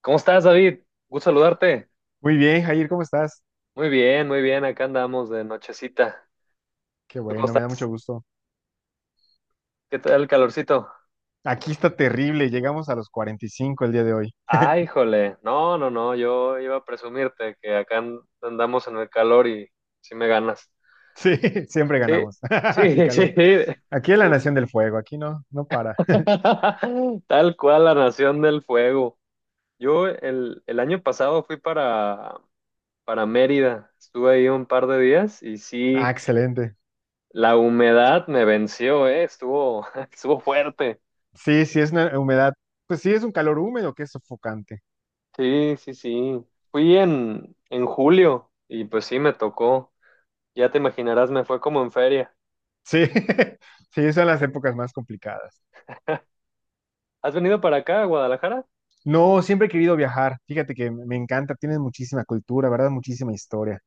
¿Cómo estás, David? Gusto saludarte. Muy bien, Jair, ¿cómo estás? Muy bien, muy bien. Acá andamos de nochecita. Qué ¿Tú cómo bueno, me da mucho estás? gusto. ¿Qué tal el calorcito? Aquí está terrible, llegamos a los 45 el día de hoy. Ay, jole. No, no, no. Yo iba a presumirte que acá andamos en el calor y sí me ganas. Sí, siempre Sí, ganamos. En sí, sí. calor. Aquí es la nación del fuego, aquí no, no para. Tal cual la Nación del Fuego. Yo el año pasado fui para Mérida. Estuve ahí un par de días y Ah, sí, excelente. la humedad me venció, ¿eh? Estuvo, estuvo fuerte. Sí, sí, es una humedad. Pues sí, es un calor húmedo que es sofocante. Sí, sí, sí. Fui en julio y pues sí, me tocó. Ya te imaginarás, me fue como en feria. Sí, sí, son las épocas más complicadas. ¿Has venido para acá, a Guadalajara? No, siempre he querido viajar. Fíjate que me encanta, tienes muchísima cultura, ¿verdad? Muchísima historia.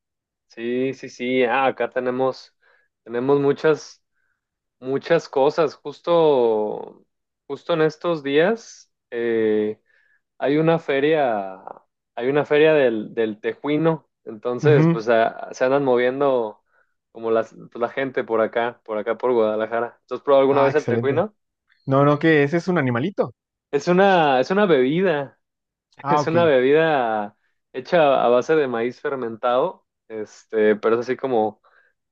Sí, sí, sí. Ah, acá tenemos muchas cosas. Justo en estos días hay una feria, hay una feria del Tejuino. Entonces, Ujú. pues se andan moviendo como la gente por acá por Guadalajara. ¿Tú has probado alguna Ah, vez el excelente. Tejuino? No, no, que ese es un animalito. Es una bebida, Ah, es ok. una bebida hecha a base de maíz fermentado, este, pero es así como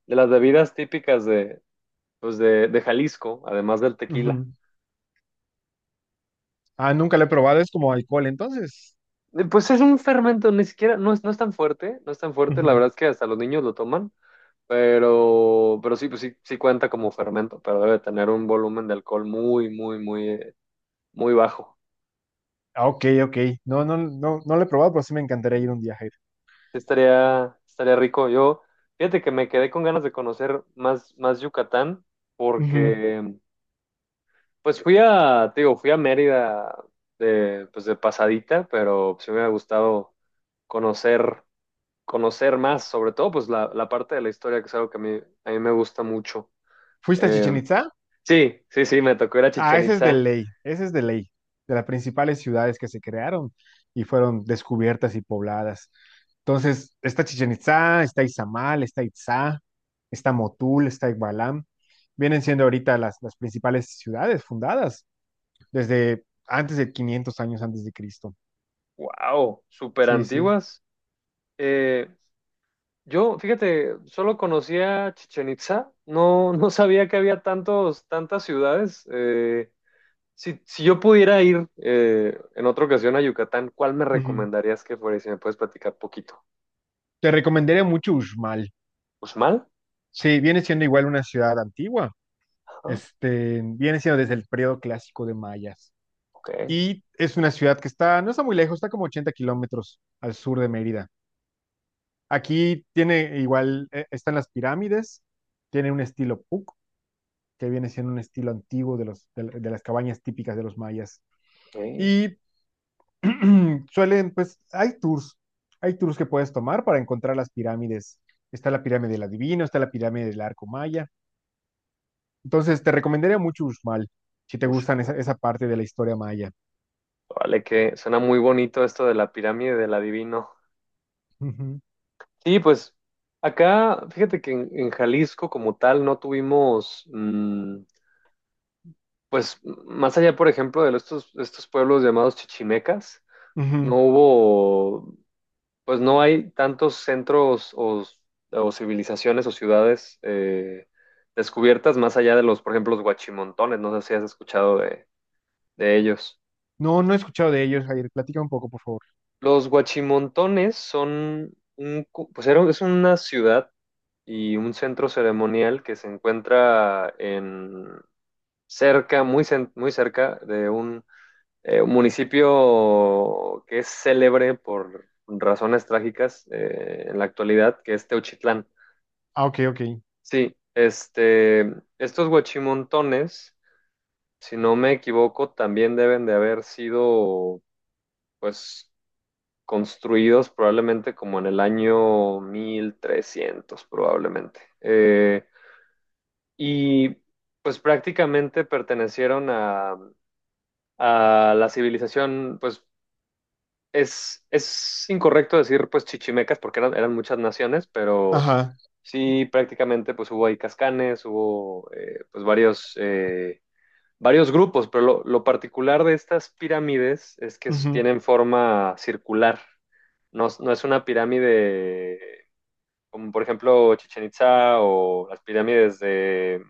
de las bebidas típicas de Jalisco, además del tequila. Ujú. Ah, nunca lo he probado, es como alcohol, entonces. Pues es un fermento, ni siquiera, no es tan fuerte, no es tan fuerte, la Ujú. verdad es que hasta los niños lo toman, pero sí, pues sí, sí cuenta como fermento, pero debe tener un volumen de alcohol muy, muy, muy, muy bajo. Ah, ok, ok. No, no, no, no lo he probado, pero sí me encantaría ir un día, Jair. Sí, estaría rico. Yo, fíjate que me quedé con ganas de conocer más Yucatán, Ujú. porque pues fui a Mérida de pasadita, pero pues, sí me ha gustado conocer, conocer más, sobre todo pues la parte de la historia, que es algo que a mí me gusta mucho. ¿Fuiste a Eh, Chichen Itza? sí, sí, sí, me tocó ir a Ah, Chichén ese es de Itzá. ley, ese es de ley, de las principales ciudades que se crearon y fueron descubiertas y pobladas. Entonces, está Chichen Itzá, está Izamal, está Itzá, está Motul, está Igualam. Vienen siendo ahorita las principales ciudades fundadas desde antes de 500 años antes de Cristo. Wow, súper Sí, sí. antiguas. Yo, fíjate, solo conocía Chichen Itza, no sabía que había tantos, tantas ciudades. Si yo pudiera ir en otra ocasión a Yucatán, ¿cuál me Ujú. recomendarías que fuera? Y si me puedes platicar poquito. Te recomendaría mucho Uxmal. ¿Uxmal? Sí, viene siendo igual una ciudad antigua. Ajá, Viene siendo desde el periodo clásico de mayas. ok, Y es una ciudad que está, no está muy lejos, está como 80 km al sur de Mérida. Aquí tiene igual, están las pirámides, tiene un estilo Puc, que viene siendo un estilo antiguo de los, de las cabañas típicas de los mayas. ok, Y pues, hay tours que puedes tomar para encontrar las pirámides. Está la pirámide del adivino, está la pirámide del arco maya. Entonces, te recomendaría mucho Uxmal, si te gustan esa, Uxmal. esa parte de la historia maya. Vale, que suena muy bonito esto de la pirámide del adivino. Ujú, Sí, pues acá, fíjate que en Jalisco como tal no tuvimos, pues más allá, por ejemplo, de estos pueblos llamados chichimecas. No ujú. hubo, pues no hay tantos centros o civilizaciones o ciudades descubiertas más allá de los, por ejemplo, los huachimontones. No sé si has escuchado de ellos. No, no he escuchado de ellos, Jair. Platica un poco, por favor. Los huachimontones son un, cu- pues era- es una ciudad y un centro ceremonial que se encuentra en cerca, muy, muy cerca de un municipio que es célebre por razones trágicas en la actualidad, que es Teuchitlán. Ah, ok, ok. Sí, estos huachimontones, si no me equivoco, también deben de haber sido, pues, construidos probablemente como en el año 1300 probablemente. Y pues prácticamente pertenecieron a la civilización, pues es incorrecto decir pues chichimecas porque eran muchas naciones, pero Ajá. sí prácticamente pues hubo ahí cascanes, hubo pues varios, varios grupos, pero lo particular de estas pirámides es que Ujú. tienen forma circular, no, no es una pirámide como por ejemplo Chichen Itza o las pirámides de...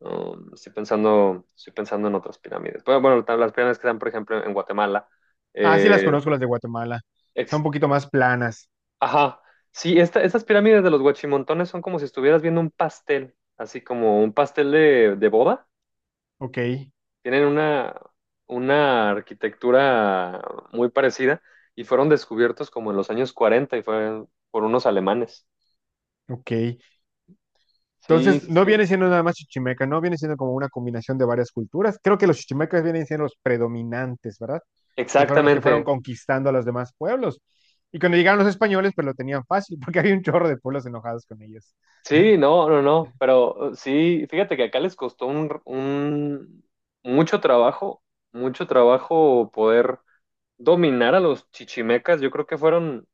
estoy pensando, en otras pirámides. Bueno, bueno, las pirámides que están por ejemplo en Guatemala. Ah, sí las Eh, conozco las de Guatemala. Son ex- un poquito más planas. Ajá, sí, estas pirámides de los Huachimontones son como si estuvieras viendo un pastel, así como un pastel de boda. Ok, Tienen una arquitectura muy parecida y fueron descubiertos como en los años 40 y fue por unos alemanes. ok. Sí, Entonces, sí, no sí. viene siendo nada más chichimeca, no viene siendo como una combinación de varias culturas. Creo que los chichimecas vienen siendo los predominantes, ¿verdad? Que fueron los que fueron Exactamente. conquistando a los demás pueblos. Y cuando llegaron los españoles, pues lo tenían fácil, porque había un chorro de pueblos enojados con ellos. Sí, no, no, no, pero sí, fíjate que acá les costó mucho trabajo, mucho trabajo poder dominar a los chichimecas. Yo creo que fueron,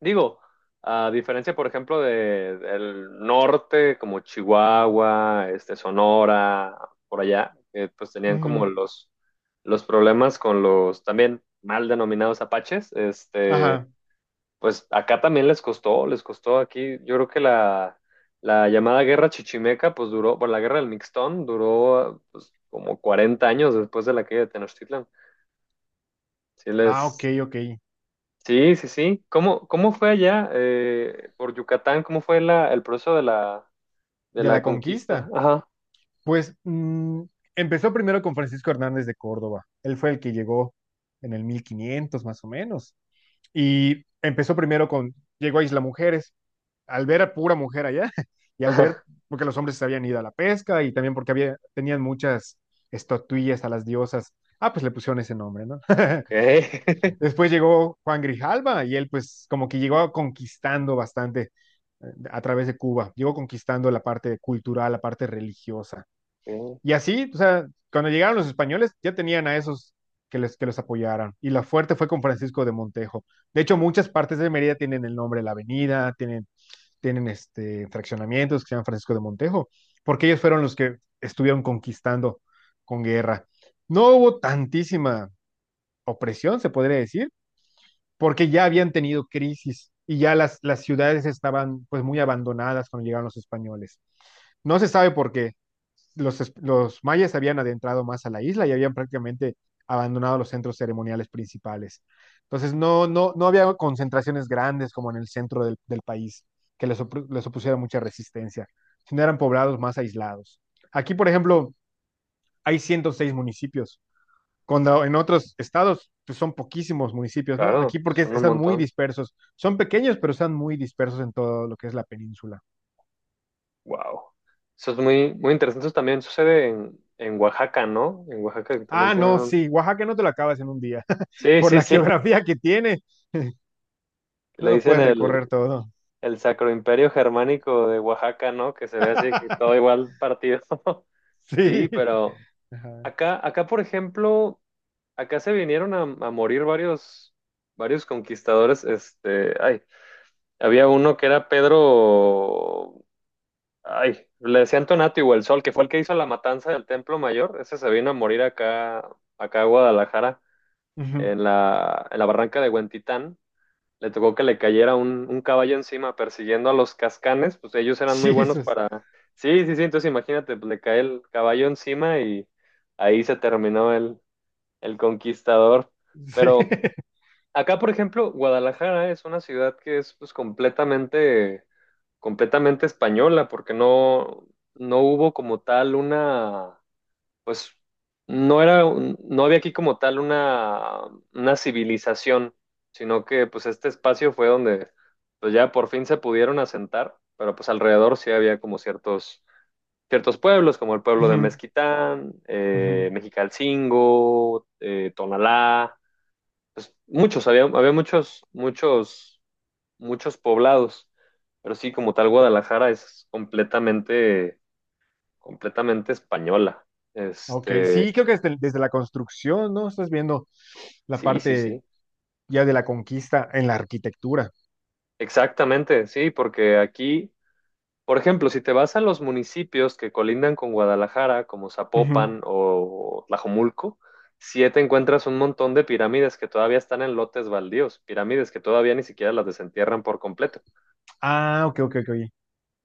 digo, a diferencia, por ejemplo, del norte, como Chihuahua, este, Sonora, por allá, que pues tenían como Ujú. Los problemas con los también mal denominados apaches, este, Ajá. pues acá también les costó aquí, yo creo que la llamada guerra chichimeca, pues duró, bueno, la guerra del Mixtón duró pues, como 40 años después de la caída de Tenochtitlan. Sí Ah, ok, les, ok. sí, sí, sí. Cómo fue allá por Yucatán? ¿Cómo fue el proceso de De la la conquista? conquista. Ajá. Pues empezó primero con Francisco Hernández de Córdoba. Él fue el que llegó en el 1500 más o menos. Y empezó primero con, llegó a Isla Mujeres. Al ver a pura mujer allá y al ver, porque los hombres se habían ido a la pesca y también porque había, tenían muchas estatuillas a las diosas. Ah, pues le pusieron ese nombre, ¿no? Ok. Después llegó Juan Grijalva y él pues como que llegó conquistando bastante eh, a través de Cuba, llegó conquistando la parte cultural, la parte religiosa. Ok. Y así, o sea, cuando llegaron los españoles ya tenían a esos que les, que los apoyaran. Y la fuerte fue con Francisco de Montejo. De hecho, muchas partes de Mérida tienen el nombre de la avenida, tienen fraccionamientos que se llaman Francisco de Montejo, porque ellos fueron los que estuvieron conquistando con guerra. No hubo tantísima opresión, se podría decir, porque ya habían tenido crisis y ya las ciudades estaban pues muy abandonadas cuando llegaron los españoles. No se sabe por qué. Los mayas habían adentrado más a la isla y habían prácticamente abandonado los centros ceremoniales principales. Entonces no, no, no había concentraciones grandes como en el centro del país que les opusiera mucha resistencia, sino eran poblados más aislados. Aquí, por ejemplo, hay 106 municipios cuando en otros estados pues son poquísimos municipios, ¿no? Aquí Claro, porque son un están muy montón. dispersos. Son pequeños, pero están muy dispersos en todo lo que es la península. Wow. Eso es muy, muy interesante. Eso también sucede en Oaxaca, ¿no? En Oaxaca que también Ah, tienen no, un... sí, Oaxaca no te lo acabas en un día. Sí, Por sí, la sí. geografía que tiene, no Le lo dicen puedes recorrer todo. el Sacro Imperio Germánico de Oaxaca, ¿no? Que se ve así, que todo igual partido. Sí, Sí. pero Ajá. Acá, por ejemplo... Acá se vinieron a morir varios conquistadores. Este, ay, había uno que era Pedro, ay, le decían Tonatiuh el Sol, que fue el que hizo la matanza del Templo Mayor. Ese se vino a morir acá a Guadalajara, Ujú. En la barranca de Huentitán. Le tocó que le cayera un caballo encima persiguiendo a los cascanes, pues ellos eran muy buenos Jesus. para... Sí, sí, sí, entonces imagínate, pues, le cae el caballo encima y ahí se terminó el conquistador. Sí. Pero acá, por ejemplo, Guadalajara es una ciudad que es pues, completamente española, porque no hubo como tal una, pues no era, un- no había aquí como tal una civilización, sino que pues este espacio fue donde pues ya por fin se pudieron asentar, pero pues alrededor sí había como ciertos pueblos, como el pueblo de Ujú, Mezquitán, ujú. Mexicalcingo, Tonalá pues, muchos, había muchos, muchos, muchos poblados, pero sí, como tal, Guadalajara es completamente española. Ok, Este, sí, creo que desde la construcción, ¿no? Estás viendo la sí, sí, parte sí, ya de la conquista en la arquitectura. exactamente, sí, porque aquí, por ejemplo, si te vas a los municipios que colindan con Guadalajara, como Ujú. Zapopan o Tlajomulco, sí te encuentras un montón de pirámides que todavía están en lotes baldíos, pirámides que todavía ni siquiera las desentierran por completo. Ah, ok, ok, ok.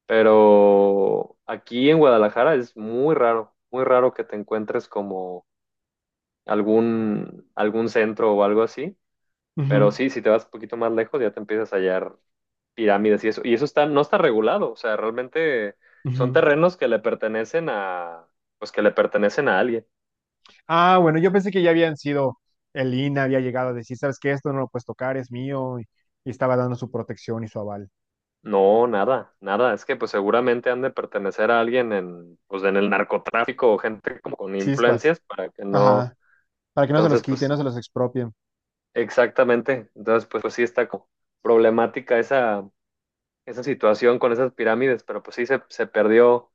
Pero aquí en Guadalajara es muy raro que te encuentres como algún centro o algo así. Pero Ujú. sí, si te vas un poquito más lejos, ya te empiezas a hallar pirámides y eso. Y eso está, no está regulado. O sea, realmente son Ujú. terrenos que le pertenecen a alguien. Ah, bueno, yo pensé que ya habían sido, el INAH había llegado a decir, ¿sabes qué? Esto no lo puedes tocar, es mío, y estaba dando su protección y su aval. No, nada, nada. Es que pues seguramente han de pertenecer a alguien en el narcotráfico o gente como con Chispas, influencias para que no. ajá, para que no se los Entonces, quiten, no pues, se los expropien. exactamente. Entonces, pues sí está como problemática esa situación con esas pirámides, pero pues sí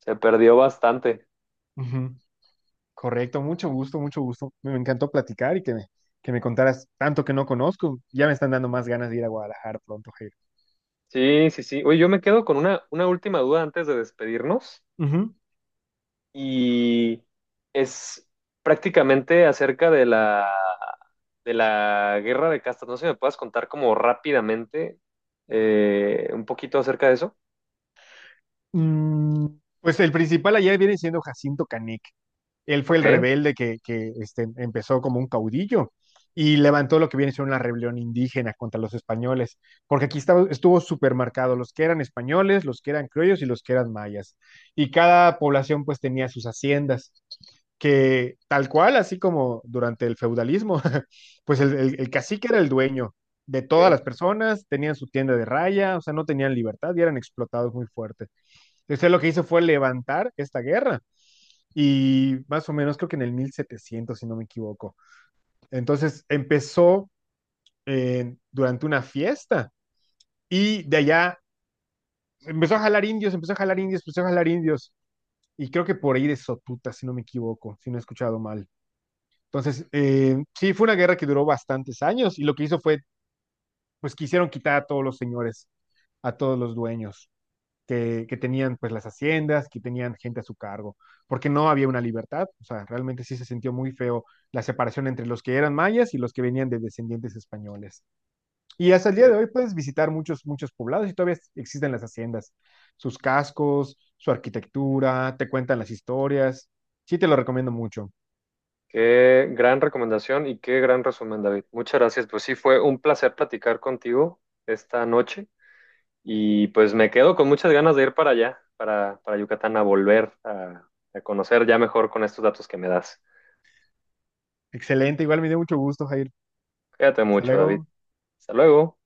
se perdió bastante. Ujú. Correcto, mucho gusto, mucho gusto. Me encantó platicar y que me contaras tanto que no conozco. Ya me están dando más ganas de ir a Guadalajara pronto, Jair. Sí, sí, sí. Oye, yo me quedo con una última duda antes de despedirnos Ujú. y es prácticamente acerca de de la guerra de castas. No sé si me puedas contar como rápidamente un poquito acerca de eso. Mm, pues el principal allá viene siendo Jacinto Canek. Él fue el Ok, rebelde que empezó como un caudillo y levantó lo que viene siendo una rebelión indígena contra los españoles, porque aquí estaba, estuvo súper marcado los que eran españoles, los que eran criollos y los que eran mayas. Y cada población pues tenía sus haciendas, que tal cual, así como durante el feudalismo, pues el cacique era el dueño de todas ok. las personas, tenían su tienda de raya, o sea, no tenían libertad y eran explotados muy fuerte. Entonces él lo que hizo fue levantar esta guerra y más o menos creo que en el 1700 si no me equivoco. Entonces empezó durante una fiesta y de allá empezó a jalar indios, empezó a jalar indios, empezó a jalar indios. Y creo que por ahí de Sotuta, si no me equivoco, si no he escuchado mal. Entonces, sí, fue una guerra que duró bastantes años y lo que hizo fue, pues quisieron quitar a todos los señores, a todos los dueños tenían pues las haciendas, que tenían gente a su cargo, porque no había una libertad, o sea, realmente sí se sintió muy feo la separación entre los que eran mayas y los que venían de descendientes españoles. Y hasta el día de hoy puedes visitar muchos, muchos poblados y todavía existen las haciendas, sus cascos, su arquitectura, te cuentan las historias, sí te lo recomiendo mucho. Qué gran recomendación y qué gran resumen, David. Muchas gracias. Pues sí, fue un placer platicar contigo esta noche y pues me quedo con muchas ganas de ir para allá, para Yucatán, a volver a conocer ya mejor con estos datos que me das. Excelente, igual me dio mucho gusto, Jair. Cuídate Hasta mucho, David. luego. Hasta luego.